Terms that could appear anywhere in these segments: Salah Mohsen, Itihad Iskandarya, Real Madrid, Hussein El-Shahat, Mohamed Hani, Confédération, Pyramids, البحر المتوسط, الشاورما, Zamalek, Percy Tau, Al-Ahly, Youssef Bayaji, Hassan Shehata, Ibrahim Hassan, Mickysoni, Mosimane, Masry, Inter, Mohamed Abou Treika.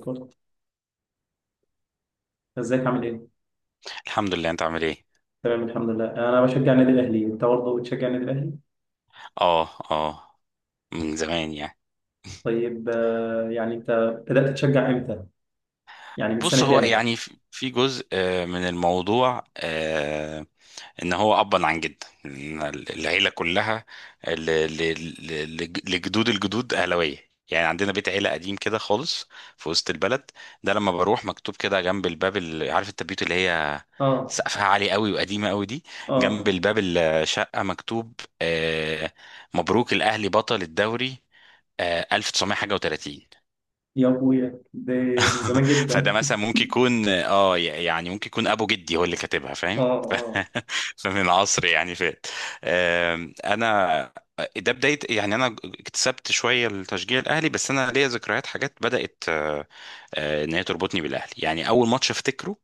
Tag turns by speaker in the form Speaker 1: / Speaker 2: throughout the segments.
Speaker 1: كورة. ازيك عامل ايه؟
Speaker 2: الحمد لله. انت عامل ايه؟
Speaker 1: تمام الحمد لله، انا بشجع النادي الاهلي. انت برضه بتشجع النادي الاهلي؟
Speaker 2: اه، اه، من زمان يعني.
Speaker 1: طيب يعني انت بدأت تشجع امتى؟ يعني من
Speaker 2: بص،
Speaker 1: سنة
Speaker 2: هو
Speaker 1: كام؟
Speaker 2: يعني في جزء من الموضوع ان هو ابا عن جد إن العيله كلها ل- ل- لجدود الجدود اهلاويه. يعني عندنا بيت عيله قديم كده خالص في وسط البلد. ده لما بروح مكتوب كده جنب الباب، عارف التبيوت اللي هي
Speaker 1: اه
Speaker 2: سقفها عالي قوي وقديمه قوي دي، جنب
Speaker 1: اه
Speaker 2: الباب الشقه مكتوب آه، مبروك الاهلي بطل الدوري، 1900 حاجة و30.
Speaker 1: يا ابويا، ده من زمان
Speaker 2: فده
Speaker 1: جدا.
Speaker 2: مثلا ممكن يكون يعني ممكن يكون ابو جدي هو اللي كاتبها، فاهم؟
Speaker 1: اه اه.
Speaker 2: فمن عصر يعني فات. انا ده بداية، يعني انا اكتسبت شوية التشجيع الاهلي، بس انا ليا ذكريات حاجات بدأت ان هي تربطني بالاهلي. يعني اول ماتش افتكره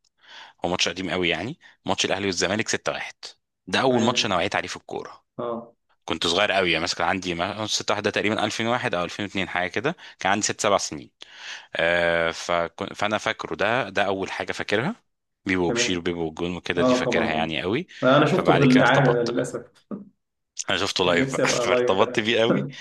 Speaker 2: هو ماتش قديم قوي، يعني ماتش الاهلي والزمالك 6-1، ده اول ماتش انا
Speaker 1: تمام.
Speaker 2: وعيت عليه في الكورة.
Speaker 1: اه.
Speaker 2: كنت صغير قوي، يعني مثلا كان عندي 6-1 ده تقريبا 2001 او 2002 حاجة كده، كان عندي 6 7 سنين. فانا فاكره، ده اول حاجه فاكرها. بيبو وبشير
Speaker 1: تمام.
Speaker 2: وبيبو والجون وكده دي
Speaker 1: اه طبعا.
Speaker 2: فاكرها يعني قوي.
Speaker 1: اه انا شفته في
Speaker 2: فبعد كده
Speaker 1: الاعادة ده
Speaker 2: ارتبطت بقى.
Speaker 1: للاسف.
Speaker 2: انا شفته
Speaker 1: كان
Speaker 2: لايف
Speaker 1: نفسي
Speaker 2: بقى.
Speaker 1: ابقى لايف
Speaker 2: فارتبطت
Speaker 1: بقى.
Speaker 2: بيه قوي.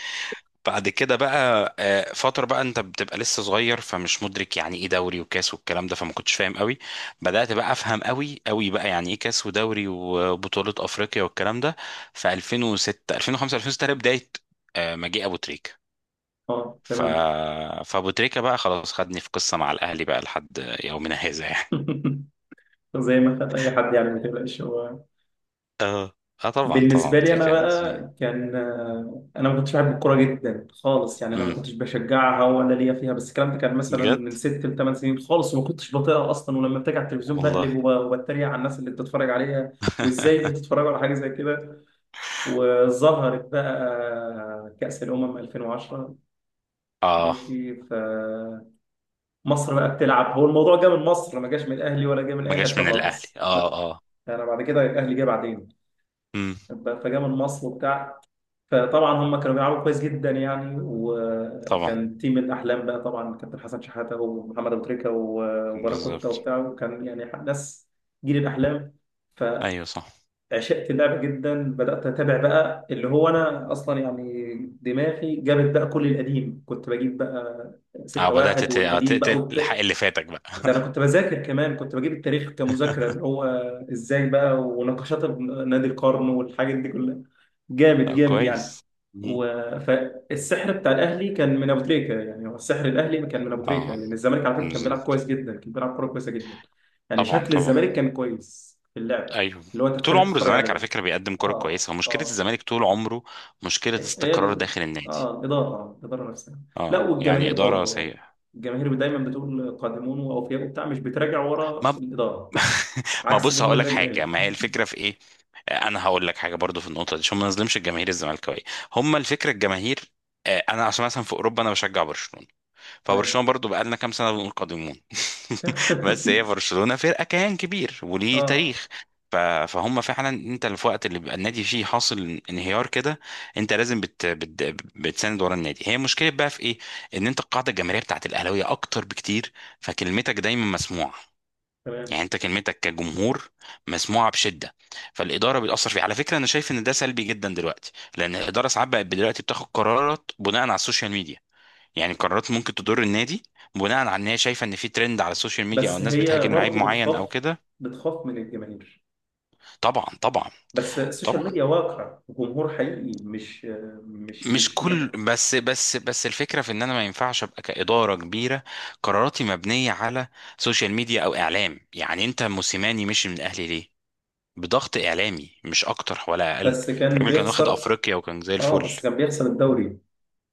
Speaker 2: بعد كده بقى فتره بقى انت بتبقى لسه صغير، فمش مدرك يعني ايه دوري وكاس والكلام ده، فما كنتش فاهم قوي. بدات بقى افهم قوي قوي بقى يعني ايه كاس ودوري وبطوله افريقيا والكلام ده في 2006 2005 2006، بدايه مجيء ابو تريكه.
Speaker 1: اه
Speaker 2: ف...
Speaker 1: تمام.
Speaker 2: فابو تريكة بقى خلاص خدني في قصة مع الاهلي بقى لحد يومنا هذا يعني.
Speaker 1: زي ما خد اي حد يعني، ما تقلقش هو.
Speaker 2: اه، اه، طبعا، طبعا،
Speaker 1: بالنسبة
Speaker 2: ابو
Speaker 1: لي أنا
Speaker 2: تريكة عظيم.
Speaker 1: بقى كان أنا ما كنتش بحب الكورة جدا خالص. يعني أنا
Speaker 2: امم،
Speaker 1: ما كنتش بشجعها ولا ليا فيها، بس الكلام ده كان مثلا
Speaker 2: بجد،
Speaker 1: من ست لثمان سنين خالص، وما كنتش بطيقها أصلا، ولما بتيجي على التلفزيون
Speaker 2: والله.
Speaker 1: بقلب وبتريق على الناس اللي بتتفرج عليها، وإزاي بتتفرج على حاجة زي كده. وظهرت بقى كأس الأمم 2010
Speaker 2: اه،
Speaker 1: ماشي، فمصر بقى بتلعب. هو الموضوع جه من مصر، ما جاش من الأهلي ولا جه من
Speaker 2: ما
Speaker 1: أي
Speaker 2: جاش
Speaker 1: حتة
Speaker 2: من الاهلي،
Speaker 1: خالص،
Speaker 2: اه،
Speaker 1: لا.
Speaker 2: اه.
Speaker 1: أنا بعد كده الأهلي جه بعدين.
Speaker 2: امم،
Speaker 1: فجا من مصر وبتاع، فطبعا هم كانوا بيلعبوا كويس جدا يعني،
Speaker 2: طبعا،
Speaker 1: وكان تيم الاحلام بقى طبعا، كابتن حسن شحاته ومحمد ابو تريكه وباراكوتا
Speaker 2: بالظبط،
Speaker 1: وبتاع، وكان يعني ناس جيل الاحلام. فعشقت
Speaker 2: ايوه، صح.
Speaker 1: اللعبه جدا، بدات اتابع بقى اللي هو انا اصلا يعني دماغي جابت بقى كل القديم، كنت بجيب بقى
Speaker 2: اه،
Speaker 1: 6
Speaker 2: بدأت
Speaker 1: واحد والقديم بقى.
Speaker 2: تلحق اللي فاتك بقى.
Speaker 1: ده انا كنت بذاكر كمان، كنت بجيب التاريخ كمذاكره اللي هو ازاي بقى، ونقاشات نادي القرن والحاجات دي كلها. جامد
Speaker 2: طب،
Speaker 1: جامد يعني.
Speaker 2: كويس. مم.
Speaker 1: و... فالسحر بتاع الاهلي كان من ابو تريكه. يعني هو السحر الاهلي كان من ابو تريكه،
Speaker 2: اه،
Speaker 1: لان الزمالك على فكره كان بيلعب
Speaker 2: بالظبط.
Speaker 1: كويس جدا، كان بيلعب كوره كويسه جدا. يعني
Speaker 2: طبعا،
Speaker 1: شكل
Speaker 2: طبعا،
Speaker 1: الزمالك كان كويس في اللعب
Speaker 2: ايوه.
Speaker 1: اللي هو انت
Speaker 2: طول
Speaker 1: تحب
Speaker 2: عمره
Speaker 1: تتفرج
Speaker 2: الزمالك على
Speaker 1: عليه.
Speaker 2: فكره بيقدم كره
Speaker 1: اه
Speaker 2: كويسه، ومشكله
Speaker 1: اه.
Speaker 2: الزمالك طول عمره مشكله
Speaker 1: هي
Speaker 2: استقرار
Speaker 1: ال...
Speaker 2: داخل النادي.
Speaker 1: اه الاداره، الاداره نفسها. لا،
Speaker 2: اه، يعني
Speaker 1: والجماهير
Speaker 2: اداره
Speaker 1: برضه،
Speaker 2: سيئه.
Speaker 1: الجماهير دايما بتقول قادمون واوفياء وبتاع، مش بتراجع ورا
Speaker 2: ما
Speaker 1: الاداره،
Speaker 2: ما
Speaker 1: عكس
Speaker 2: بص،
Speaker 1: جمهور
Speaker 2: هقول لك
Speaker 1: النادي
Speaker 2: حاجه،
Speaker 1: الاهلي.
Speaker 2: ما هي الفكره في ايه. انا هقول لك حاجه برضو في النقطه دي، عشان ما نظلمش الجماهير الزملكاويه. هم الفكره الجماهير. انا عشان مثلا في اوروبا انا بشجع برشلونه.
Speaker 1: تمام.
Speaker 2: فبرشلونه برضو بقالنا كام سنه منقدمون.
Speaker 1: تمام.
Speaker 2: بس هي برشلونه فرقه كيان كبير وليه
Speaker 1: اه
Speaker 2: تاريخ ف- فهم فعلا انت اللي في وقت اللي بيبقى النادي فيه حاصل انهيار كده، انت لازم بت بت بتساند ورا النادي. هي مشكله بقى في ايه؟ ان انت القاعده الجماهيريه بتاعت الاهلاويه اكتر بكتير، فكلمتك دايما مسموعه.
Speaker 1: تمام.
Speaker 2: يعني انت كلمتك كجمهور مسموعه بشده. فالاداره بتاثر فيه، على فكره انا شايف ان ده سلبي جدا دلوقتي، لان الاداره ساعات بقت دلوقتي بتاخد قرارات بناء على السوشيال ميديا. يعني قرارات ممكن تضر النادي بناء على ان هي شايفه ان في ترند على السوشيال ميديا، او
Speaker 1: بس
Speaker 2: الناس
Speaker 1: هي
Speaker 2: بتهاجم لعيب
Speaker 1: برضه
Speaker 2: معين او
Speaker 1: بتخاف،
Speaker 2: كده.
Speaker 1: بتخاف من الجماهير.
Speaker 2: طبعا، طبعا،
Speaker 1: بس السوشيال
Speaker 2: طبعا.
Speaker 1: ميديا واقع جمهور حقيقي، مش مش
Speaker 2: مش
Speaker 1: مش
Speaker 2: كل بس الفكره في ان انا ما ينفعش ابقى كاداره كبيره، قراراتي مبنيه على سوشيال ميديا او اعلام. يعني انت موسيماني مشي من الاهلي ليه؟ بضغط اعلامي مش اكتر ولا اقل.
Speaker 1: بس كان
Speaker 2: الراجل كان واخد
Speaker 1: بيخسر.
Speaker 2: افريقيا وكان زي
Speaker 1: اه
Speaker 2: الفل.
Speaker 1: بس كان بيخسر الدوري،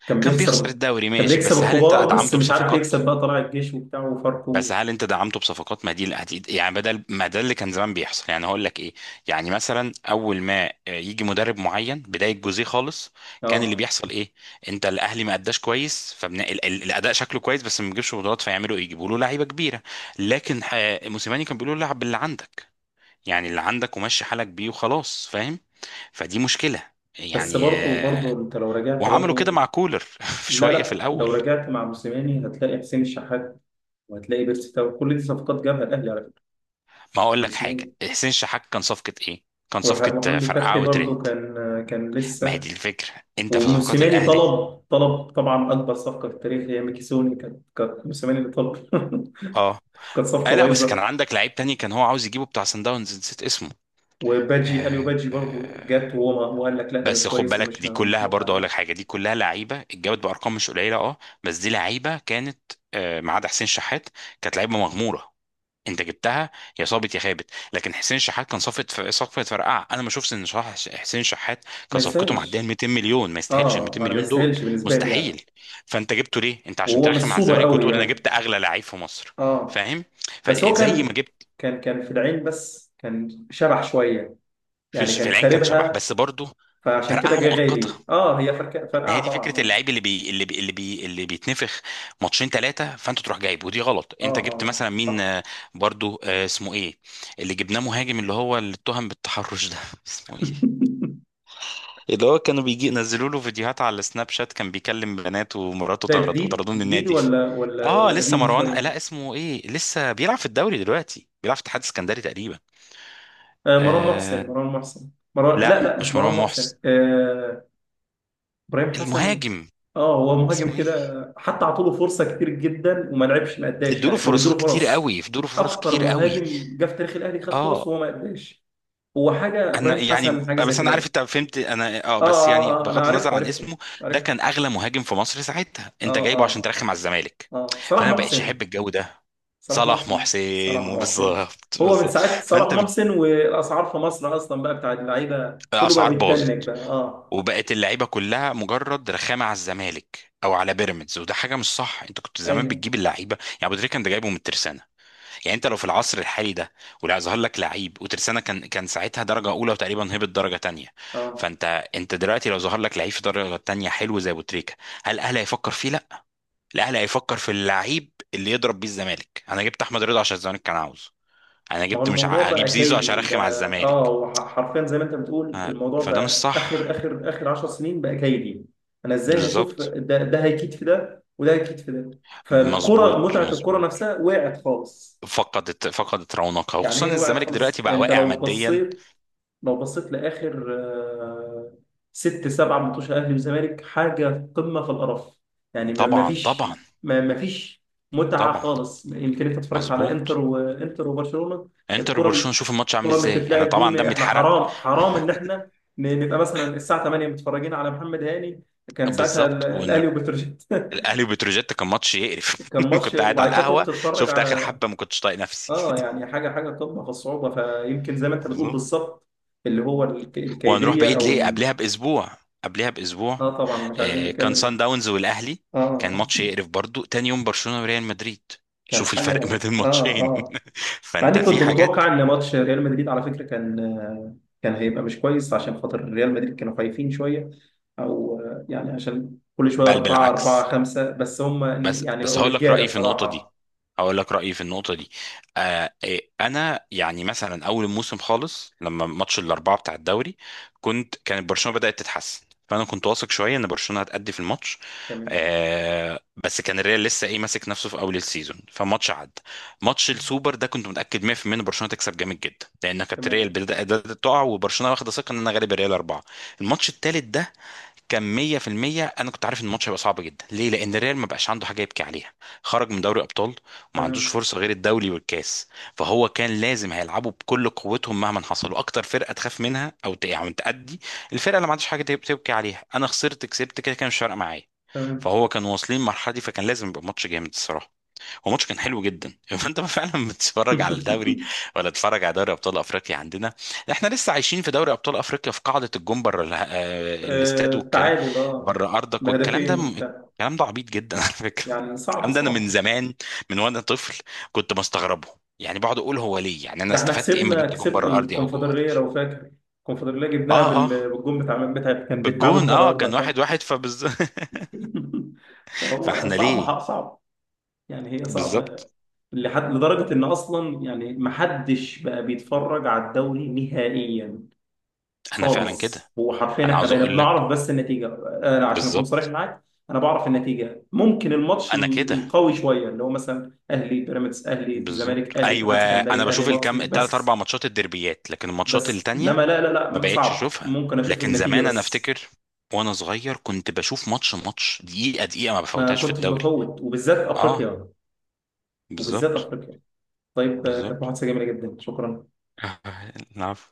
Speaker 1: كان
Speaker 2: كان بيخسر
Speaker 1: بيخسر.
Speaker 2: الدوري
Speaker 1: كان
Speaker 2: ماشي،
Speaker 1: بيكسب الكبار، بس مش عارف يكسب بقى طلائع الجيش وبتاع
Speaker 2: بس
Speaker 1: وفاركو.
Speaker 2: هل انت دعمته بصفقات؟ ما دي الأدي- يعني بدل ما ده اللي كان زمان بيحصل، يعني هقول لك ايه. يعني مثلا اول ما يجي مدرب معين بدايه جوزيه خالص، كان اللي
Speaker 1: اه
Speaker 2: بيحصل ايه؟ انت الاهلي ما اداش كويس، الاداء شكله كويس بس ما بيجيبش بطولات، فيعملوا ايه؟ يجيبوا له لعيبه كبيره. لكن موسيماني كان بيقول له لعب باللي عندك، يعني اللي عندك ومشي حالك بيه وخلاص، فاهم؟ فدي مشكلة
Speaker 1: بس
Speaker 2: يعني
Speaker 1: برضه
Speaker 2: آه،
Speaker 1: انت لو رجعت
Speaker 2: وعملوا كده
Speaker 1: برضه.
Speaker 2: مع كولر في
Speaker 1: لا
Speaker 2: شوية في
Speaker 1: لا،
Speaker 2: الأول.
Speaker 1: لو رجعت مع موسيماني هتلاقي حسين الشحات، وهتلاقي بيرسي تاو، كل دي صفقات جابها الاهلي على فكره
Speaker 2: ما أقول لك حاجة،
Speaker 1: موسيماني.
Speaker 2: حسين شحات كان صفقة إيه؟ كان صفقة
Speaker 1: وحمدي
Speaker 2: فرقعة
Speaker 1: فتحي برضه
Speaker 2: وترند.
Speaker 1: كان
Speaker 2: ما هي
Speaker 1: لسه.
Speaker 2: دي الفكرة، أنت في صفقات
Speaker 1: وموسيماني
Speaker 2: الأهلي.
Speaker 1: طلب طبعا، اكبر صفقه في التاريخ هي ميكيسوني، كانت موسيماني اللي طلب.
Speaker 2: أه.
Speaker 1: كانت
Speaker 2: آه
Speaker 1: صفقه
Speaker 2: لا، بس كان
Speaker 1: بايظه.
Speaker 2: عندك لعيب تاني، كان هو عاوز يجيبه بتاع سان داونز نسيت اسمه.
Speaker 1: وباجي اليو
Speaker 2: آه،
Speaker 1: باجي برضه
Speaker 2: آه.
Speaker 1: جت، وهو ما- وقال لك لا، ده مش
Speaker 2: بس خد
Speaker 1: كويس،
Speaker 2: بالك، دي
Speaker 1: مش
Speaker 2: كلها
Speaker 1: موافق
Speaker 2: برضه أقول
Speaker 1: عليه.
Speaker 2: لك حاجة، دي كلها لعيبة اتجابت بأرقام مش قليلة، أه. بس دي لعيبة كانت ما عدا حسين شحات كانت لعيبة مغمورة، انت جبتها يا صابت يا خابت. لكن حسين شحات كان صفقه فرقعه، انا ما اشوفش ان حسين شحات كان
Speaker 1: ما
Speaker 2: صفقته معديه ال
Speaker 1: يستاهلش.
Speaker 2: 200 مليون، ما يستاهلش ال
Speaker 1: اه
Speaker 2: 200
Speaker 1: انا ما
Speaker 2: مليون دول.
Speaker 1: يستاهلش بالنسبه لي يعني.
Speaker 2: مستحيل. فانت جبته ليه؟ انت عشان
Speaker 1: وهو مش
Speaker 2: ترخم على
Speaker 1: سوبر
Speaker 2: الزمالك
Speaker 1: قوي
Speaker 2: وتقول انا
Speaker 1: يعني.
Speaker 2: جبت اغلى لعيب في مصر.
Speaker 1: اه
Speaker 2: فاهم؟
Speaker 1: بس هو
Speaker 2: فزي ما
Speaker 1: كان،
Speaker 2: جبت
Speaker 1: كان في العين بس كان شبح شوية.
Speaker 2: في
Speaker 1: يعني
Speaker 2: في
Speaker 1: كان
Speaker 2: العين كان شبح،
Speaker 1: خاربها،
Speaker 2: بس برضه
Speaker 1: فعشان كده
Speaker 2: فرقعه
Speaker 1: جه
Speaker 2: مؤقته.
Speaker 1: غالي. اه، هي فركة
Speaker 2: ما هي
Speaker 1: فرقعة
Speaker 2: دي
Speaker 1: طبعا،
Speaker 2: فكره
Speaker 1: اه
Speaker 2: اللعيب اللي بيتنفخ ماتشين ثلاثه فانت تروح جايب. ودي غلط،
Speaker 1: اه
Speaker 2: انت جبت
Speaker 1: اه
Speaker 2: مثلا
Speaker 1: صح.
Speaker 2: مين؟ برضو، اسمه ايه؟ اللي جبناه مهاجم، اللي هو اللي اتهم بالتحرش ده اسمه ايه؟ اللي هو كانوا بيجي نزلوا له فيديوهات على السناب شات، كان بيكلم بنات ومراته
Speaker 1: ده
Speaker 2: طرد
Speaker 1: جديد
Speaker 2: وطردوه من
Speaker 1: جديد
Speaker 2: النادي.
Speaker 1: ولا ولا
Speaker 2: اه،
Speaker 1: ولا
Speaker 2: لسه
Speaker 1: قديم
Speaker 2: مروان،
Speaker 1: شوية.
Speaker 2: لا اسمه ايه، لسه بيلعب في الدوري دلوقتي، بيلعب في اتحاد اسكندري تقريبا.
Speaker 1: آه مروان محسن
Speaker 2: آه
Speaker 1: مروان محسن مروان.
Speaker 2: لا،
Speaker 1: لا لا، مش
Speaker 2: مش
Speaker 1: مروان
Speaker 2: مروان
Speaker 1: محسن.
Speaker 2: محسن،
Speaker 1: آه، إبراهيم حسن.
Speaker 2: المهاجم
Speaker 1: اه هو
Speaker 2: اسمه
Speaker 1: مهاجم كده،
Speaker 2: ايه؟
Speaker 1: حتى عطوله فرصة كتير جدا وما لعبش، ما اداش يعني، كانوا بيدوا له فرص.
Speaker 2: ادوا له فرص
Speaker 1: اكتر
Speaker 2: كتير قوي.
Speaker 1: مهاجم جه في تاريخ الاهلي خد فرص
Speaker 2: اه،
Speaker 1: وهو ما اداش. هو حاجه
Speaker 2: انا
Speaker 1: ابراهيم حسن
Speaker 2: يعني
Speaker 1: حاجه زي
Speaker 2: بس انا عارف
Speaker 1: كده.
Speaker 2: انت فهمت انا، اه،
Speaker 1: اه
Speaker 2: بس يعني
Speaker 1: اه اه انا
Speaker 2: بغض النظر
Speaker 1: عرفته
Speaker 2: عن
Speaker 1: عرفته
Speaker 2: اسمه، ده
Speaker 1: عرفته
Speaker 2: كان اغلى مهاجم في مصر ساعتها انت جايبه
Speaker 1: اه
Speaker 2: عشان
Speaker 1: اه.
Speaker 2: ترخم على الزمالك.
Speaker 1: اه صلاح
Speaker 2: فانا ما بقتش
Speaker 1: محسن
Speaker 2: احب الجو ده.
Speaker 1: صلاح
Speaker 2: صلاح
Speaker 1: محسن صلاح
Speaker 2: محسن،
Speaker 1: محسن.
Speaker 2: بالظبط،
Speaker 1: هو من
Speaker 2: بالظبط.
Speaker 1: ساعه صلاح
Speaker 2: فانت بت-
Speaker 1: محسن والاسعار في مصر اصلا بقى بتاع اللعيبه كله بقى
Speaker 2: الاسعار
Speaker 1: بيتدنك
Speaker 2: باظت،
Speaker 1: بقى، اه.
Speaker 2: وبقت اللعيبه كلها مجرد رخامه على الزمالك او على بيراميدز، وده حاجه مش صح. انت كنت زمان
Speaker 1: ايوه
Speaker 2: بتجيب اللعيبه، يعني ابو تريكه انت جايبه من الترسانه. يعني انت لو في العصر الحالي ده ولا ظهر لك لعيب وترسانة كان ساعتها درجة أولى وتقريبا هبط درجة تانية.
Speaker 1: اه.
Speaker 2: فانت انت دلوقتي لو ظهر لك لعيب في درجة تانية حلو زي أبو تريكة، هل الأهلي هيفكر فيه؟ لا. الأهلي هيفكر في اللعيب اللي يضرب بيه الزمالك. أنا جبت أحمد رضا عشان الزمالك كان عاوزه. أنا
Speaker 1: ما هو
Speaker 2: جبت مش ع...
Speaker 1: الموضوع
Speaker 2: هجيب
Speaker 1: بقى
Speaker 2: زيزو عشان
Speaker 1: كيدي
Speaker 2: أرخم على
Speaker 1: بقى، اه.
Speaker 2: الزمالك.
Speaker 1: هو حرفيا زي ما انت بتقول،
Speaker 2: ف-
Speaker 1: الموضوع
Speaker 2: فده مش
Speaker 1: بقى اخر
Speaker 2: صح.
Speaker 1: اخر 10 سنين بقى كيدي. انا ازاي هشوف
Speaker 2: بالظبط،
Speaker 1: ده، ده هيكيد في ده وده هيكيد في ده. فالكره
Speaker 2: مظبوط،
Speaker 1: متعه الكره
Speaker 2: مظبوط.
Speaker 1: نفسها وقعت خالص.
Speaker 2: فقدت رونقها،
Speaker 1: يعني
Speaker 2: وخصوصا
Speaker 1: هي وقعت
Speaker 2: الزمالك دلوقتي
Speaker 1: خلاص.
Speaker 2: بقى
Speaker 1: انت
Speaker 2: واقع
Speaker 1: لو
Speaker 2: ماديا.
Speaker 1: بصيت، لو بصيت لاخر 6 7 ماتشات اهلي وزمالك، حاجه قمه في القرف. يعني ما ما
Speaker 2: طبعا،
Speaker 1: فيش
Speaker 2: طبعا،
Speaker 1: ما فيش متعه
Speaker 2: طبعا.
Speaker 1: خالص. يمكن انت اتفرجت على انتر،
Speaker 2: مظبوط.
Speaker 1: وبرشلونه.
Speaker 2: انتر وبرشلونه
Speaker 1: الكره،
Speaker 2: شوف الماتش عامل
Speaker 1: الكره اللي
Speaker 2: ازاي، يعني
Speaker 1: بتتلعب دي
Speaker 2: طبعا دمي
Speaker 1: احنا
Speaker 2: اتحرق.
Speaker 1: حرام، حرام ان احنا نبقى مثلا الساعه 8 متفرجين على محمد هاني. كان ساعتها
Speaker 2: بالظبط. وان
Speaker 1: الاهلي وبتروجيت.
Speaker 2: الاهلي وبتروجيت كان ماتش يقرف.
Speaker 1: كان ماتش،
Speaker 2: كنت قاعد على
Speaker 1: وبعد كده تروح
Speaker 2: القهوه،
Speaker 1: تتفرج
Speaker 2: شفت اخر
Speaker 1: على
Speaker 2: حبه ما كنتش طايق نفسي.
Speaker 1: اه، يعني حاجه، حاجه قمه في الصعوبه. فيمكن زي ما انت بتقول
Speaker 2: بالظبط.
Speaker 1: بالظبط اللي هو
Speaker 2: وهنروح
Speaker 1: الكيديه
Speaker 2: بعيد
Speaker 1: او
Speaker 2: ليه؟
Speaker 1: ال...
Speaker 2: قبلها باسبوع
Speaker 1: اه طبعا مش عايزين
Speaker 2: كان
Speaker 1: نتكلم.
Speaker 2: سان داونز والاهلي،
Speaker 1: اه.
Speaker 2: كان ماتش يقرف برضو. تاني يوم برشلونه وريال مدريد،
Speaker 1: كان
Speaker 2: شوف الفرق ما
Speaker 1: حاجه
Speaker 2: بين
Speaker 1: اه.
Speaker 2: الماتشين.
Speaker 1: اه، مع
Speaker 2: فانت
Speaker 1: اني
Speaker 2: في
Speaker 1: كنت
Speaker 2: حاجات.
Speaker 1: متوقع ان ماتش ريال مدريد على فكره كان، كان هيبقى مش كويس عشان خاطر ريال مدريد كانوا خايفين شويه، او يعني عشان كل شويه
Speaker 2: بل
Speaker 1: أربعة أربعة
Speaker 2: بالعكس.
Speaker 1: خمسة بس هم.
Speaker 2: بس
Speaker 1: يعني
Speaker 2: بس
Speaker 1: بقوا رجاله صراحه.
Speaker 2: هقول لك رأيي في النقطة دي. آه إيه، أنا يعني مثلا أول الموسم خالص لما ماتش الأربعة بتاع الدوري، كانت برشلونة بدأت تتحسن، فأنا كنت واثق شوية إن برشلونة هتأدي في الماتش.
Speaker 1: تمام
Speaker 2: بس كان الريال لسه إيه ماسك نفسه في أول السيزون، فماتش عدى. ماتش السوبر ده كنت متأكد 100% إن برشلونة تكسب جامد جدا، لأن كانت الريال
Speaker 1: تمام
Speaker 2: بدأت تقع، وبرشلونة واخدة ثقة إن أنا غالب الريال أربعة. الماتش التالت ده كان 100%. انا كنت عارف ان الماتش هيبقى صعب جدا، ليه؟ لان الريال ما بقاش عنده حاجه يبكي عليها، خرج من دوري ابطال وما عندوش
Speaker 1: تمام
Speaker 2: فرصه غير الدوري والكاس. فهو كان لازم هيلعبوا بكل قوتهم مهما حصل، واكتر فرقه تخاف منها او يعني تأدي، الفرقه اللي ما عندهاش حاجه تبكي عليها، انا خسرت كسبت كده كان مش فارقه معايا.
Speaker 1: تمام.
Speaker 2: فهو كان واصلين المرحله دي فكان لازم يبقى ماتش جامد الصراحه. هو ماتش كان حلو جدا. فانت فعلا بتتفرج على الدوري، ولا تتفرج على دوري ابطال افريقيا عندنا؟ احنا لسه عايشين في دوري ابطال افريقيا في قاعده الجون بره الاستاد والكلام،
Speaker 1: التعادل اه،
Speaker 2: بره ارضك والكلام ده،
Speaker 1: بهدفين.
Speaker 2: الكلام ده عبيط جدا على فكره.
Speaker 1: يعني صعب
Speaker 2: الكلام ده انا من
Speaker 1: صعب.
Speaker 2: زمان، من وانا طفل كنت بستغربه. يعني بقعد اقول هو ليه؟ يعني انا
Speaker 1: ده احنا
Speaker 2: استفدت ايه اما
Speaker 1: كسبنا،
Speaker 2: جبت جون
Speaker 1: كسبنا
Speaker 2: بره ارضي او جوه
Speaker 1: الكونفدرالية
Speaker 2: ارضي؟
Speaker 1: لو فاكر. الكونفدرالية جبناها
Speaker 2: اه، اه،
Speaker 1: بالجون بتاع، من بتاع، كان بالتعادل
Speaker 2: بالجون،
Speaker 1: بره
Speaker 2: اه، كان
Speaker 1: أرضك ها.
Speaker 2: 1-1 .
Speaker 1: فهو
Speaker 2: فاحنا
Speaker 1: صعب،
Speaker 2: ليه؟
Speaker 1: حق صعب. يعني هي صعبة.
Speaker 2: بالظبط.
Speaker 1: لحد لدرجة إن أصلا يعني محدش بقى بيتفرج على الدوري نهائيا
Speaker 2: انا فعلا كده.
Speaker 1: خالص. هو حرفيا
Speaker 2: انا
Speaker 1: احنا
Speaker 2: عاوز
Speaker 1: بقينا
Speaker 2: اقول لك.
Speaker 1: بنعرف بس النتيجة. أنا عشان أكون صريح
Speaker 2: بالظبط،
Speaker 1: معاك، أنا بعرف النتيجة. ممكن الماتش
Speaker 2: انا كده.
Speaker 1: القوي شوية اللي هو مثلا أهلي بيراميدز، أهلي
Speaker 2: بالظبط،
Speaker 1: الزمالك، أهلي
Speaker 2: ايوه،
Speaker 1: اتحاد
Speaker 2: انا
Speaker 1: سكندري، أهلي
Speaker 2: بشوف الكام
Speaker 1: مصري
Speaker 2: التلات اربع
Speaker 1: بس.
Speaker 2: ماتشات الدربيات، لكن الماتشات
Speaker 1: بس
Speaker 2: التانية
Speaker 1: انما لا لا،
Speaker 2: ما
Speaker 1: ما
Speaker 2: بقتش
Speaker 1: صعب،
Speaker 2: اشوفها.
Speaker 1: ممكن اشوف
Speaker 2: لكن
Speaker 1: النتيجه
Speaker 2: زمان انا
Speaker 1: بس.
Speaker 2: افتكر وانا صغير كنت بشوف ماتش ماتش دقيقه دقيقه ما
Speaker 1: ما
Speaker 2: بفوتهاش في
Speaker 1: كنتش
Speaker 2: الدوري.
Speaker 1: بفوت، وبالذات
Speaker 2: اه،
Speaker 1: افريقيا، وبالذات
Speaker 2: بالظبط،
Speaker 1: افريقيا طيب كانت
Speaker 2: بالظبط.
Speaker 1: محادثه جميله جدا، شكرا.
Speaker 2: العفو.